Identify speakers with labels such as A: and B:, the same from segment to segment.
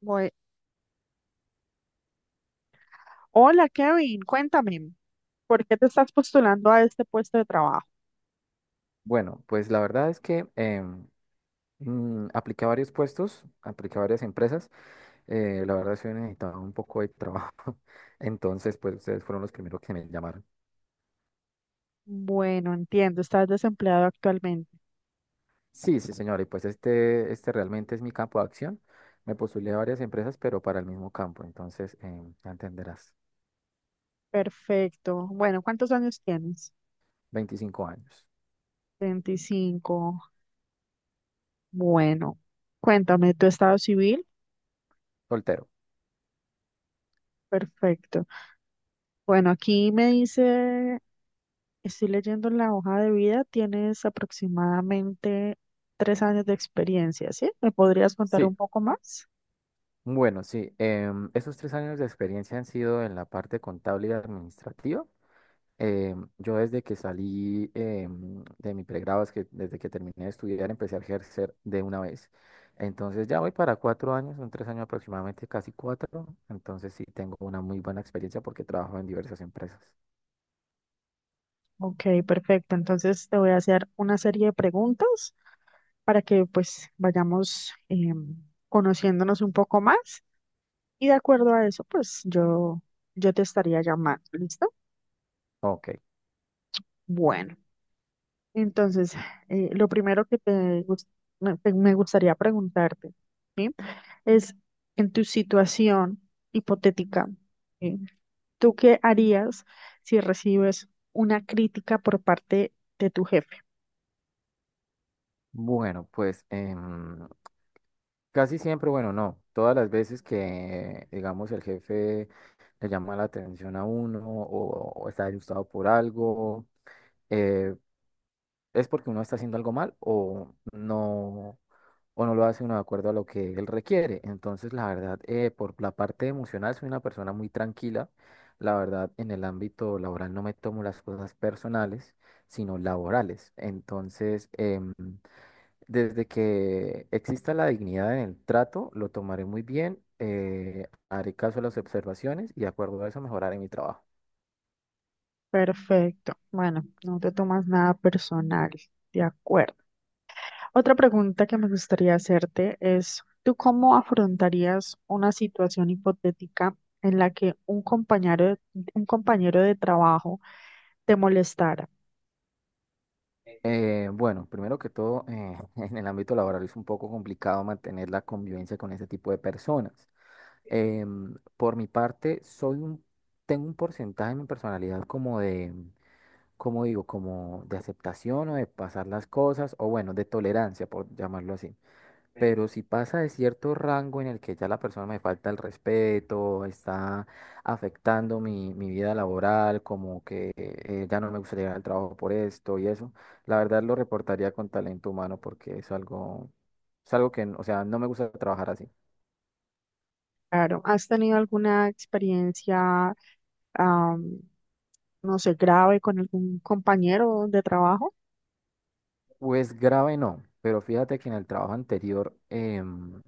A: Bue- Hola Kevin, cuéntame, ¿por qué te estás postulando a este puesto de trabajo?
B: Bueno, pues la verdad es que apliqué a varios puestos, apliqué a varias empresas. La verdad es que necesitaba un poco de trabajo. Entonces, pues ustedes fueron los primeros que me llamaron.
A: Bueno, entiendo, estás desempleado actualmente.
B: Sí, sí, señor. Y pues este realmente es mi campo de acción. Me postulé a varias empresas, pero para el mismo campo. Entonces, ya entenderás.
A: Perfecto. Bueno, ¿cuántos años tienes?
B: 25 años.
A: 25. Bueno, cuéntame, ¿tu estado civil?
B: Soltero.
A: Perfecto. Bueno, aquí me dice, estoy leyendo la hoja de vida, tienes aproximadamente 3 años de experiencia, ¿sí? ¿Me podrías contar
B: Sí.
A: un poco más?
B: Bueno, sí. Esos tres años de experiencia han sido en la parte contable y administrativa. Yo desde que salí, de mi pregrado, es que desde que terminé de estudiar, empecé a ejercer de una vez. Entonces ya voy para cuatro años, son tres años aproximadamente, casi cuatro. Entonces sí tengo una muy buena experiencia porque trabajo en diversas empresas.
A: Ok, perfecto. Entonces te voy a hacer una serie de preguntas para que pues vayamos conociéndonos un poco más y de acuerdo a eso pues yo te estaría llamando, ¿listo?
B: Ok,
A: Bueno, entonces lo primero que te, gus- me te- me gustaría preguntarte, ¿sí? Es en tu situación hipotética, ¿sí? ¿Tú qué harías si recibes una crítica por parte de tu jefe?
B: bueno, pues casi siempre, bueno, no, todas las veces que, digamos, el jefe le llama la atención a uno o está disgustado por algo. eh, es porque uno está haciendo algo mal o no lo hace uno de acuerdo a lo que él requiere. Entonces, la verdad, por la parte emocional soy una persona muy tranquila. La verdad, en el ámbito laboral no me tomo las cosas personales, sino laborales. Entonces, desde que exista la dignidad en el trato, lo tomaré muy bien, haré caso a las observaciones y de acuerdo a eso mejoraré mi trabajo.
A: Perfecto. Bueno, no te tomas nada personal. De acuerdo. Otra pregunta que me gustaría hacerte es, ¿tú cómo afrontarías una situación hipotética en la que un compañero de trabajo te molestara?
B: Bueno, primero que todo, en el ámbito laboral es un poco complicado mantener la convivencia con ese tipo de personas. Por mi parte, tengo un porcentaje en mi personalidad como de, como digo, como de aceptación o de pasar las cosas, o bueno, de tolerancia, por llamarlo así. Pero si pasa de cierto rango en el que ya la persona me falta el respeto, está afectando mi vida laboral, como que ya no me gustaría ir al trabajo por esto y eso, la verdad lo reportaría con talento humano porque es algo que, o sea, no me gusta trabajar así.
A: Claro, ¿has tenido alguna experiencia, am, no sé, grave con algún compañero de trabajo?
B: Pues grave no, pero fíjate que en el trabajo anterior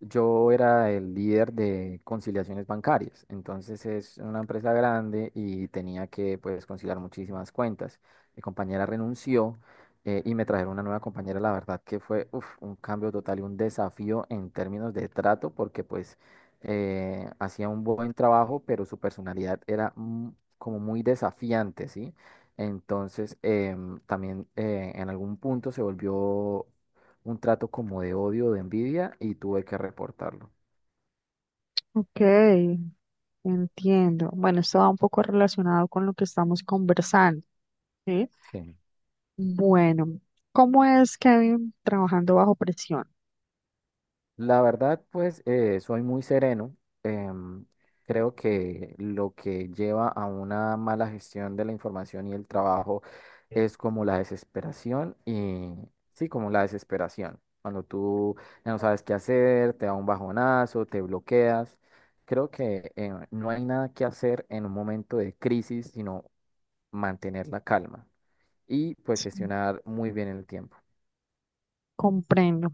B: yo era el líder de conciliaciones bancarias, entonces es una empresa grande y tenía que pues conciliar muchísimas cuentas. Mi compañera renunció, y me trajeron una nueva compañera, la verdad que fue uf, un cambio total y un desafío en términos de trato porque pues hacía un buen trabajo, pero su personalidad era como muy desafiante, ¿sí? Entonces también en algún punto se volvió un trato como de odio, de envidia y tuve que reportarlo.
A: Ok, entiendo. Bueno, esto va un poco relacionado con lo que estamos conversando, ¿sí?
B: Sí.
A: Bueno, ¿cómo es Kevin trabajando bajo presión?
B: La verdad, pues soy muy sereno. em, Creo que lo que lleva a una mala gestión de la información y el trabajo es como la desesperación y sí, como la desesperación. Cuando tú ya no sabes qué hacer, te da un bajonazo, te bloqueas. Creo que no hay nada que hacer en un momento de crisis, sino mantener la calma. Y pues gestionar muy bien el tiempo.
A: Comprendo.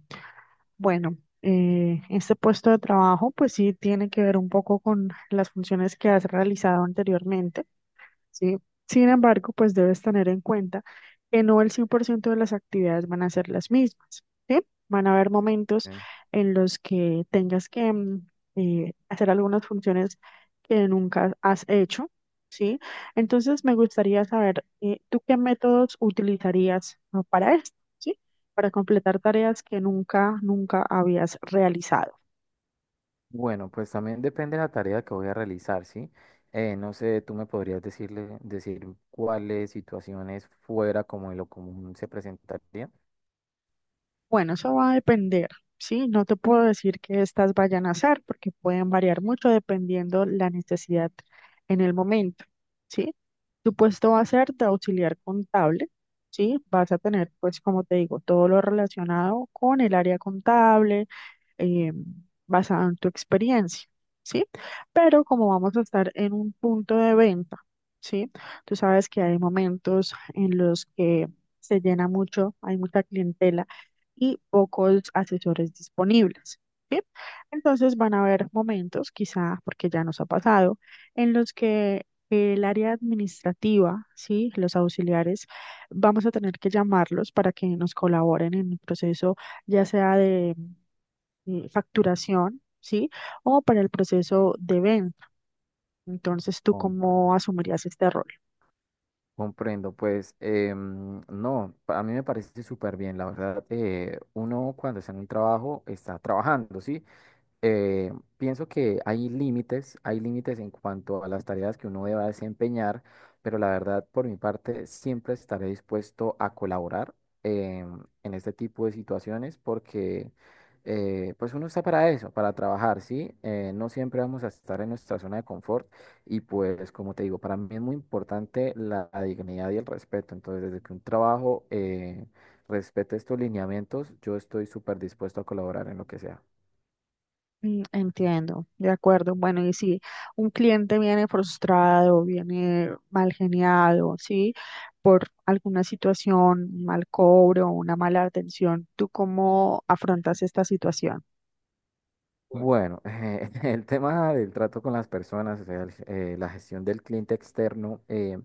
A: Bueno, este puesto de trabajo pues sí tiene que ver un poco con las funciones que has realizado anteriormente. ¿Sí? Sin embargo, pues debes tener en cuenta que no el 100% de las actividades van a ser las mismas, ¿sí? Van a haber momentos
B: Ok.
A: en los que tengas que hacer algunas funciones que nunca has hecho, ¿sí? Entonces, me gustaría saber, ¿tú qué métodos utilizarías para esto, ¿sí? Para completar tareas que nunca habías realizado.
B: Bueno, pues también depende de la tarea que voy a realizar, ¿sí? No sé, tú me podrías decir cuáles situaciones fuera como de lo común se presentarían.
A: Bueno, eso va a depender, ¿sí? No te puedo decir que estas vayan a hacer porque pueden variar mucho dependiendo la necesidad en el momento, ¿sí? Tu puesto va a ser de auxiliar contable, ¿sí? Vas a tener, pues, como te digo, todo lo relacionado con el área contable, eh, basado en tu experiencia, ¿sí? Pero como vamos a estar en un punto de venta, ¿sí? Tú sabes que hay momentos en los que se llena mucho, hay mucha clientela y pocos asesores disponibles. ¿Sí? Entonces van a haber momentos, quizá porque ya nos ha pasado, en los que el área administrativa, ¿sí? Los auxiliares, vamos a tener que llamarlos para que nos colaboren en el proceso ya sea de facturación, ¿sí? O para el proceso de venta. Entonces, ¿tú
B: Compra.
A: cómo asumirías este rol?
B: Comprendo, pues no, a mí me parece súper bien, la verdad, uno cuando está en un trabajo está trabajando, ¿sí? eh, Pienso que hay límites en cuanto a las tareas que uno deba desempeñar, pero la verdad, por mi parte, siempre estaré dispuesto a colaborar eh, en este tipo de situaciones porque pues uno está para eso, para trabajar, ¿sí? No siempre vamos a estar en nuestra zona de confort y pues como te digo, para mí es muy importante la dignidad y el respeto, entonces desde que un trabajo respete estos lineamientos, yo estoy súper dispuesto a colaborar en lo que sea.
A: Mm, entiendo, de acuerdo. Bueno, y si un cliente viene frustrado, viene mal geniado, ¿sí? Por alguna situación, un mal cobro, una mala atención, ¿tú cómo afrontas esta situación?
B: Bueno, el tema del trato con las personas, o sea, la gestión del cliente externo,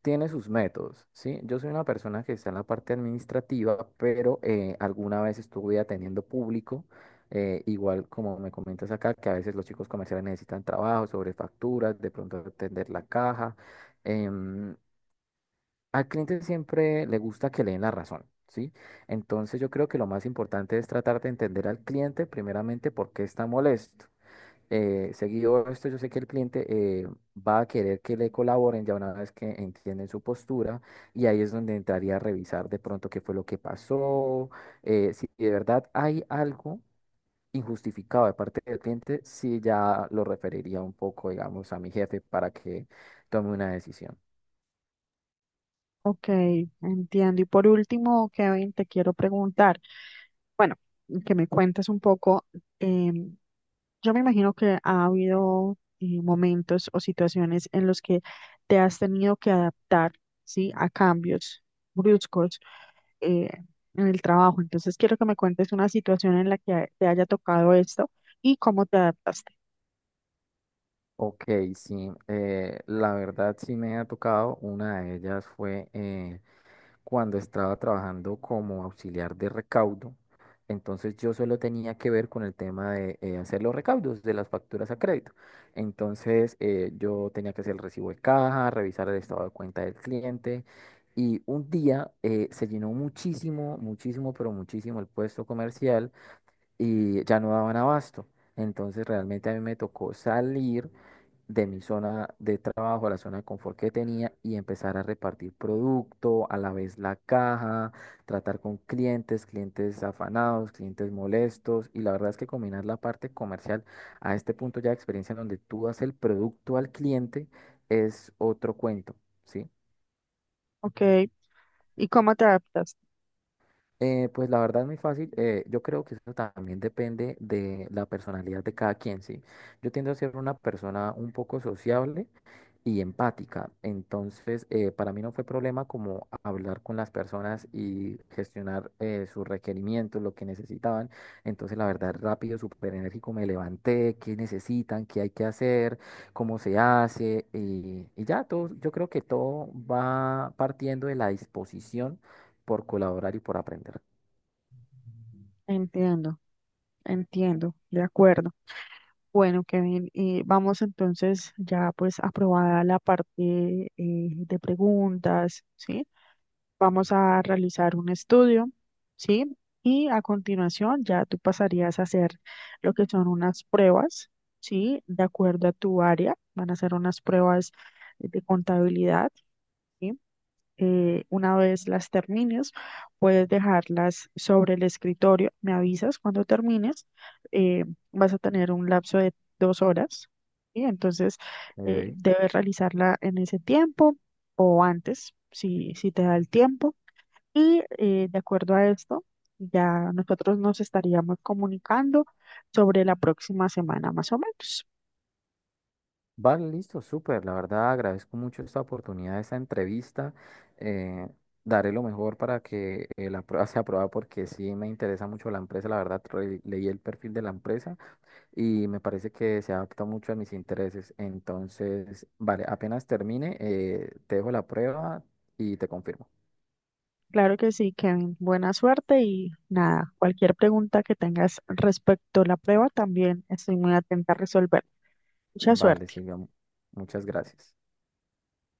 B: tiene sus métodos, ¿sí? Yo soy una persona que está en la parte administrativa, pero alguna vez estuve atendiendo público, igual como me comentas acá, que a veces los chicos comerciales necesitan trabajo sobre facturas, de pronto atender la caja. em, Al cliente siempre le gusta que le den la razón. ¿Sí? Entonces yo creo que lo más importante es tratar de entender al cliente primeramente por qué está molesto. Seguido esto, yo sé que el cliente eh, va a querer que le colaboren ya una vez que entienden su postura y ahí es donde entraría a revisar de pronto qué fue lo que pasó, si de verdad hay algo injustificado de parte del cliente, si ya lo referiría un poco, digamos, a mi jefe para que tome una decisión.
A: Ok, entiendo. Y por último, Kevin, te quiero preguntar, bueno, que me cuentes un poco, em, yo me imagino que ha habido momentos o situaciones en los que te has tenido que adaptar, ¿sí? A cambios bruscos eh, en el trabajo. Entonces, quiero que me cuentes una situación en la que te haya tocado esto y cómo te adaptaste,
B: Ok, sí, la verdad sí me ha tocado, una de ellas fue cuando estaba trabajando como auxiliar de recaudo. Entonces yo solo tenía que ver con el tema de hacer los recaudos de las facturas a crédito. Entonces yo tenía que hacer el recibo de caja, revisar el estado de cuenta del cliente. Y un día se llenó muchísimo, muchísimo, pero muchísimo el puesto comercial y ya no daban abasto. Entonces realmente a mí me tocó salir de mi zona de trabajo, a la zona de confort que tenía y empezar a repartir producto, a la vez la caja, tratar con clientes, clientes afanados, clientes molestos y la verdad es que combinar la parte comercial a este punto ya de experiencia en donde tú das el producto al cliente es otro cuento, ¿sí?
A: ¿ok? ¿Y cómo te adaptaste?
B: Pues la verdad es muy fácil. Yo creo que eso también depende de la personalidad de cada quien, ¿sí? Yo tiendo a ser una persona un poco sociable y empática. Entonces, para mí no fue problema como hablar con las personas y gestionar sus requerimientos, lo que necesitaban. Entonces, la verdad, rápido, súper enérgico, me levanté, qué necesitan, qué hay que hacer, cómo se hace. Y ya, todo, yo creo que todo va partiendo de la disposición por colaborar y por aprender.
A: Entiendo, entiendo, de acuerdo. Bueno, Kevin, vamos entonces ya pues aprobada la parte de preguntas, ¿sí? Vamos a realizar un estudio, ¿sí? Y a continuación ya tú pasarías a hacer lo que son unas pruebas, ¿sí? De acuerdo a tu área, van a ser unas pruebas de contabilidad, ¿sí? Una vez las termines, puedes dejarlas sobre el escritorio. Me avisas cuando termines. eh, Vas a tener un lapso de 2 horas. ¿Sí? Entonces,
B: Ok.
A: debes realizarla en ese tiempo o antes, si te da el tiempo. Y de acuerdo a esto, ya nosotros nos estaríamos comunicando sobre la próxima semana, más o menos.
B: Vale, listo, súper. La verdad agradezco mucho esta oportunidad, esta entrevista. eh, Daré lo mejor para que la prueba sea aprobada porque sí me interesa mucho la empresa. La verdad, leí el perfil de la empresa y me parece que se adapta mucho a mis intereses. Entonces, vale, apenas termine, te dejo la prueba y te confirmo.
A: Claro que sí, Kevin. Buena suerte y nada, cualquier pregunta que tengas respecto a la prueba también estoy muy atenta a resolver. Mucha
B: Vale,
A: suerte.
B: Silvia, muchas gracias.